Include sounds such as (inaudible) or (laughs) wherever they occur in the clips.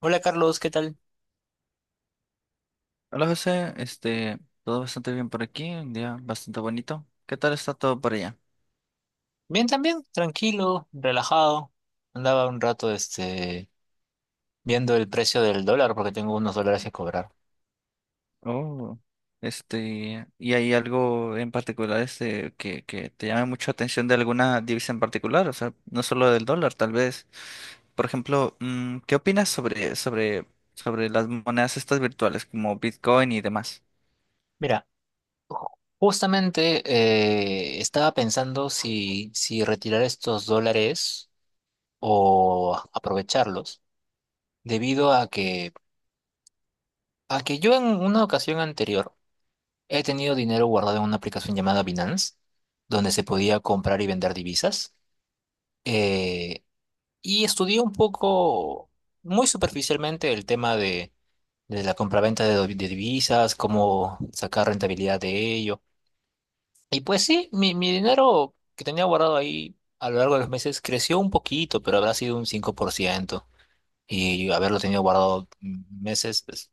Hola Carlos, ¿qué tal? Hola José, todo bastante bien por aquí, un día bastante bonito. ¿Qué tal está todo por allá? Bien también, tranquilo, relajado. Andaba un rato viendo el precio del dólar porque tengo unos dólares que cobrar. Oh, ¿y hay algo en particular que te llame mucho la atención de alguna divisa en particular? O sea, no solo del dólar, tal vez. Por ejemplo, ¿qué opinas sobre las monedas estas virtuales como Bitcoin y demás? Mira, ju- justamente estaba pensando si retirar estos dólares o aprovecharlos, debido a que yo en una ocasión anterior he tenido dinero guardado en una aplicación llamada Binance, donde se podía comprar y vender divisas. Eh, Y estudié un poco, muy superficialmente, el tema de la compraventa de divisas, cómo sacar rentabilidad de ello. Y pues sí, mi dinero que tenía guardado ahí a lo largo de los meses creció un poquito, pero habrá sido un 5%. Y haberlo tenido guardado meses, pues,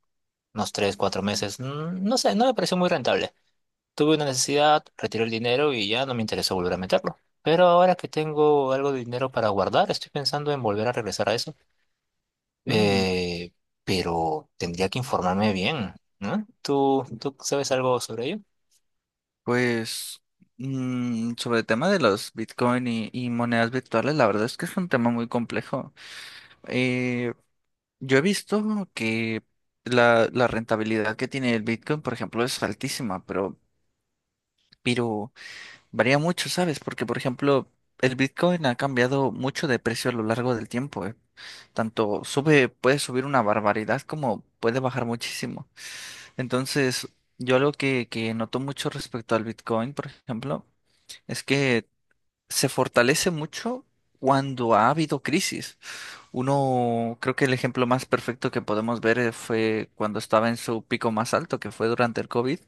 unos 3 o 4 meses, no sé, no me pareció muy rentable. Tuve una necesidad, retiré el dinero y ya no me interesó volver a meterlo. Pero ahora que tengo algo de dinero para guardar, estoy pensando en volver a regresar a eso. Mm, Eh, pero tendría que informarme bien, ¿no? ¿Tú sabes algo sobre ello? pues sobre el tema de los Bitcoin y monedas virtuales, la verdad es que es un tema muy complejo. Eh, Yo he visto que la rentabilidad que tiene el Bitcoin, por ejemplo, es altísima, pero varía mucho, ¿sabes? Porque, por ejemplo, el Bitcoin ha cambiado mucho de precio a lo largo del tiempo, ¿eh? Tanto sube, puede subir una barbaridad como puede bajar muchísimo. Entonces, yo algo que noto mucho respecto al Bitcoin, por ejemplo, es que se fortalece mucho cuando ha habido crisis. Uno, creo que el ejemplo más perfecto que podemos ver fue cuando estaba en su pico más alto, que fue durante el COVID,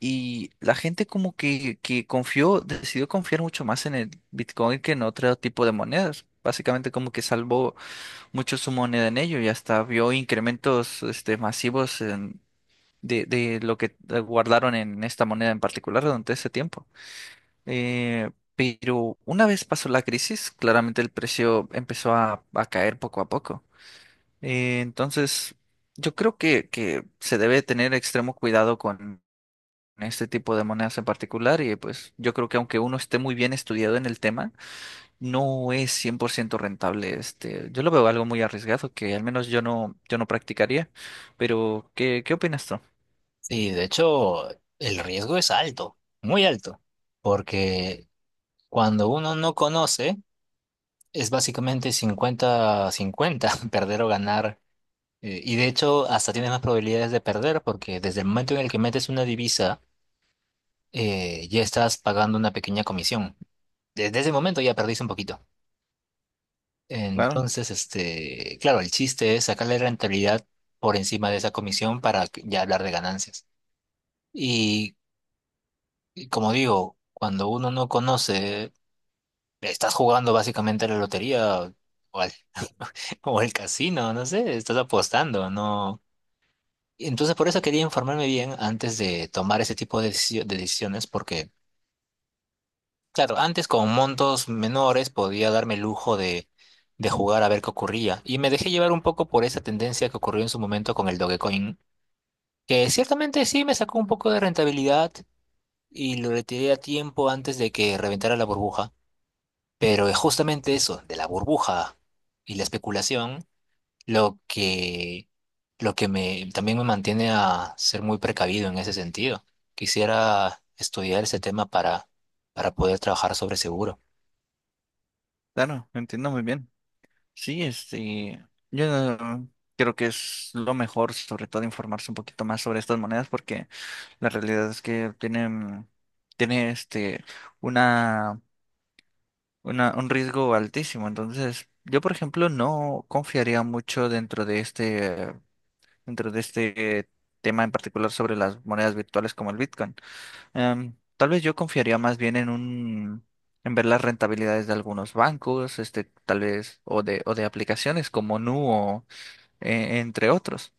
y la gente como que confió, decidió confiar mucho más en el Bitcoin que en otro tipo de monedas. Básicamente como que salvó mucho su moneda en ello y hasta vio incrementos de lo que guardaron en esta moneda en particular durante ese tiempo. Pero una vez pasó la crisis, claramente el precio empezó a caer poco a poco. Entonces, yo creo que se debe tener extremo cuidado con este tipo de monedas en particular, y pues yo creo que aunque uno esté muy bien estudiado en el tema, no es 100% rentable. Este, yo lo veo algo muy arriesgado que al menos yo no practicaría. Pero, ¿qué opinas tú? Sí, de hecho, el riesgo es alto, muy alto, porque cuando uno no conoce, es básicamente 50-50 (laughs) perder o ganar. Y de hecho, hasta tienes más probabilidades de perder, porque desde el momento en el que metes una divisa, ya estás pagando una pequeña comisión. Desde ese momento ya perdiste un poquito. Claro, Entonces, claro, el chiste es sacarle rentabilidad por encima de esa comisión ya hablar de ganancias. Y, y como digo, cuando uno no conoce, estás jugando básicamente a la lotería o al, (laughs) o al casino, no sé, estás apostando, ¿no? Entonces, por eso quería informarme bien antes de tomar ese tipo de de decisiones, porque claro, antes con montos menores podía darme el lujo de jugar a ver qué ocurría. Y me dejé llevar un poco por esa tendencia que ocurrió en su momento con el Dogecoin, que ciertamente sí me sacó un poco de rentabilidad y lo retiré a tiempo antes de que reventara la burbuja. Pero es justamente eso, de la burbuja y la especulación, lo que, lo que también me mantiene a ser muy precavido en ese sentido. Quisiera estudiar ese tema para poder trabajar sobre seguro. claro, entiendo muy bien. Sí, este, yo no- creo que es lo mejor, sobre todo, informarse un poquito más sobre estas monedas, porque la realidad es que tiene una, un riesgo altísimo. Entonces, yo, por ejemplo, no confiaría mucho dentro de este tema en particular sobre las monedas virtuales como el Bitcoin. Tal vez yo confiaría más bien en ver las rentabilidades de algunos bancos, este, tal vez, o de aplicaciones como Nu, entre otros.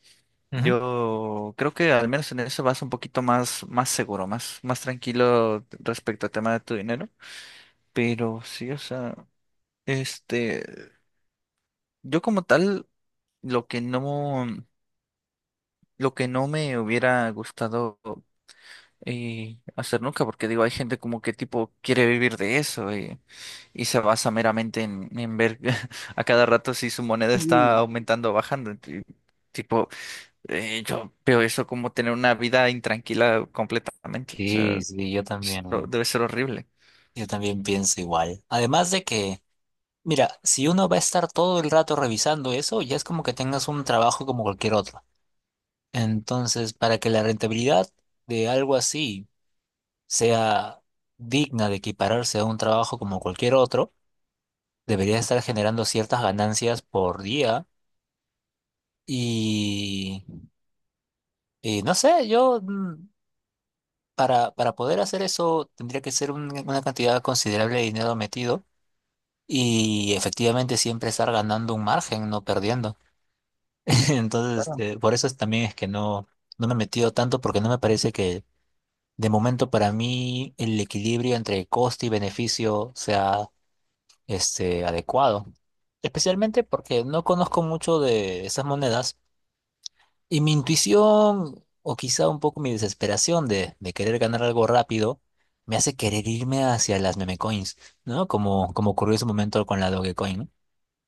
Ujú. Yo creo que al menos en eso vas un poquito más seguro, más tranquilo respecto al tema de tu dinero. Pero sí, o sea, este, yo como tal, lo que no, lo que no me hubiera gustado hacer nunca, porque digo, hay gente como que tipo quiere vivir de eso y se basa meramente en ver (laughs) a cada rato si su moneda está Sí, aumentando o bajando. Y, tipo, yo veo eso como tener una vida intranquila completamente. O sí, sea, sí, esto debe ser horrible. yo también pienso igual. Además de que, mira, si uno va a estar todo el rato revisando eso, ya es como que tengas un trabajo como cualquier otro. Entonces, para que la rentabilidad de algo así sea digna de equipararse a un trabajo como cualquier otro, debería estar generando ciertas ganancias por día. Y, y no sé, yo para poder hacer eso tendría que ser una cantidad considerable de dinero metido. Y efectivamente siempre estar ganando un margen, no perdiendo. (laughs) Entonces, Claro. También es que no, no me he metido tanto porque no me parece que de momento para mí el equilibrio entre coste y beneficio sea adecuado. Especialmente porque no conozco mucho de esas monedas y mi intuición o quizá un poco mi desesperación de querer ganar algo rápido me hace querer irme hacia las meme coins, ¿no? Como, como ocurrió en su momento con la Dogecoin, ¿no?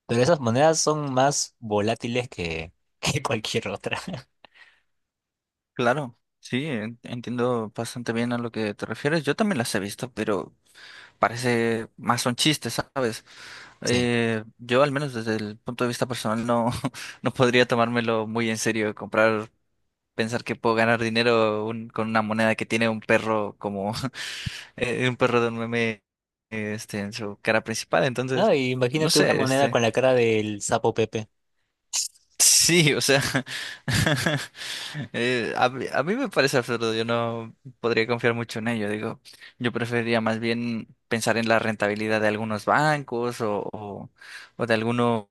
Pero esas monedas son más volátiles que, (laughs) que cualquier otra. (laughs) Claro, sí, entiendo bastante bien a lo que te refieres. Yo también las he visto, pero parece más son chistes, ¿sabes? Sí. Yo al menos desde el punto de vista personal no, (laughs) no podría tomármelo muy en serio, pensar que puedo ganar dinero con una moneda que tiene un perro como (laughs) un perro de un meme, este, en su cara principal. No, Entonces, y no imagínate una sé, moneda este. con la cara del sapo Pepe. Sí, o sea, (laughs) a mí me parece absurdo, yo no podría confiar mucho en ello, digo, yo preferiría más bien pensar en la rentabilidad de algunos bancos o de algunos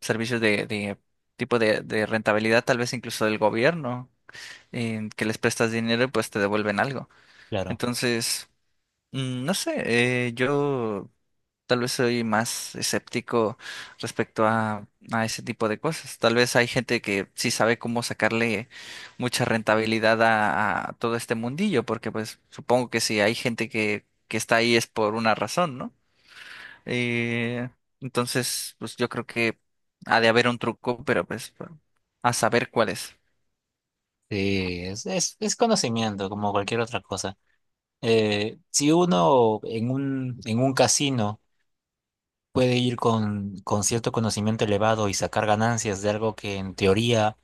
servicios de tipo de rentabilidad, tal vez incluso del gobierno, en que les prestas dinero y pues te devuelven algo. Claro. Entonces, mm, no sé, yo tal vez soy más escéptico respecto a ese tipo de cosas. Tal vez hay gente que sí sabe cómo sacarle mucha rentabilidad a todo este mundillo, porque pues supongo que si hay gente que está ahí es por una razón, ¿no? Eh, entonces, pues yo creo que ha de haber un truco, pero pues bueno, a saber cuál es. Sí, es conocimiento, como cualquier otra cosa. Si uno en en un casino puede ir con cierto conocimiento elevado y sacar ganancias de algo que en teoría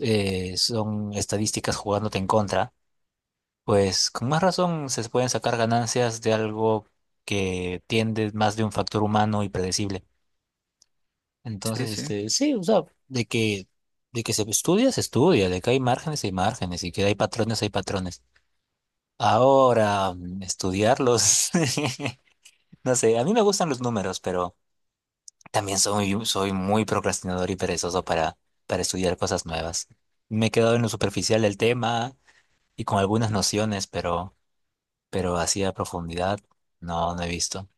son estadísticas jugándote en contra, pues con más razón se pueden sacar ganancias de algo que tiende más de un factor humano y predecible. Sí, Entonces, sí, este, sí, o sea, de que se estudia, de que hay márgenes, y que hay patrones, hay patrones. Ahora, estudiarlos, (laughs) no sé, a mí me gustan los números, pero también soy, soy muy procrastinador y perezoso para estudiar cosas nuevas. Me he quedado en lo superficial del tema y con algunas nociones, pero así a profundidad no, no he visto.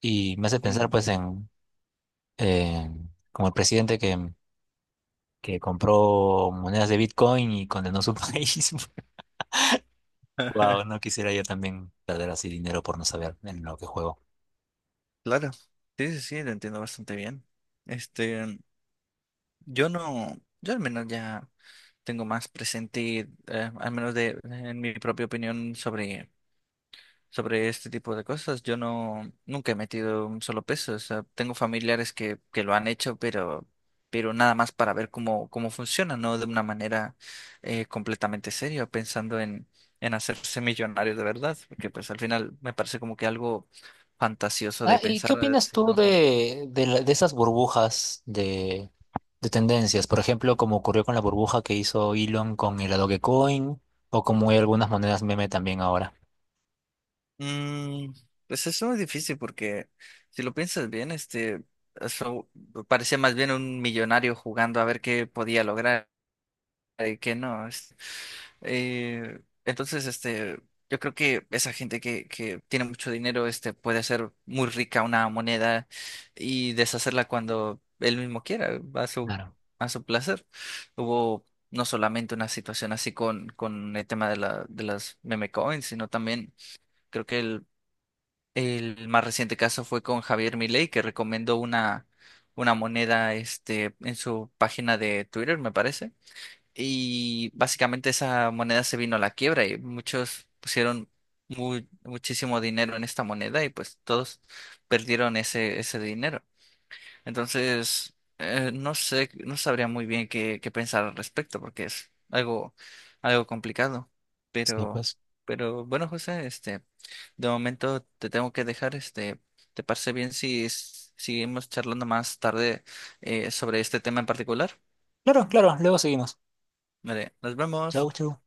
Y me hace pensar sí, pues en como el presidente que compró monedas de Bitcoin y condenó su (laughs) país. Wow, no quisiera yo también perder así dinero por no saber en lo que juego. claro. Sí, sí, sí, lo entiendo bastante bien. Este, yo no, yo al menos ya tengo más presente, al menos de, en mi propia opinión sobre este tipo de cosas. Yo no, Nunca he metido un solo peso. O sea, tengo familiares que lo han hecho, pero nada más para ver cómo funciona, no de una manera completamente seria, pensando en hacerse millonario de verdad, porque pues al final me parece como que algo fantasioso Ah, de ¿y qué pensar, opinas si tú no. De esas burbujas de tendencias? Por ejemplo, como ocurrió con la burbuja que hizo Elon con el Dogecoin, o como hay algunas monedas meme también ahora. Mm, pues eso es difícil porque si lo piensas bien, este, eso parecía más bien un millonario jugando a ver qué podía lograr y qué no. Eh, este, yo creo que esa gente que tiene mucho dinero, este, puede hacer muy rica una moneda y deshacerla cuando él mismo quiera, Claro. a su placer. Hubo no solamente una situación así con el tema de de las meme coins, sino también creo que el más reciente caso fue con Javier Milei, que recomendó una moneda este, en su página de Twitter, me parece. Y básicamente esa moneda se vino a la quiebra y muchos pusieron muchísimo dinero en esta moneda y pues todos perdieron ese dinero. Entonces, no sé, no sabría muy bien qué pensar al respecto, porque es algo, algo complicado. Sí, Pero, pues. pero bueno, José, este, de momento te tengo que dejar, este, ¿te parece bien si seguimos charlando más tarde sobre este tema en particular? Claro, claro, luego seguimos. Vale, nos vemos. Chau, chau.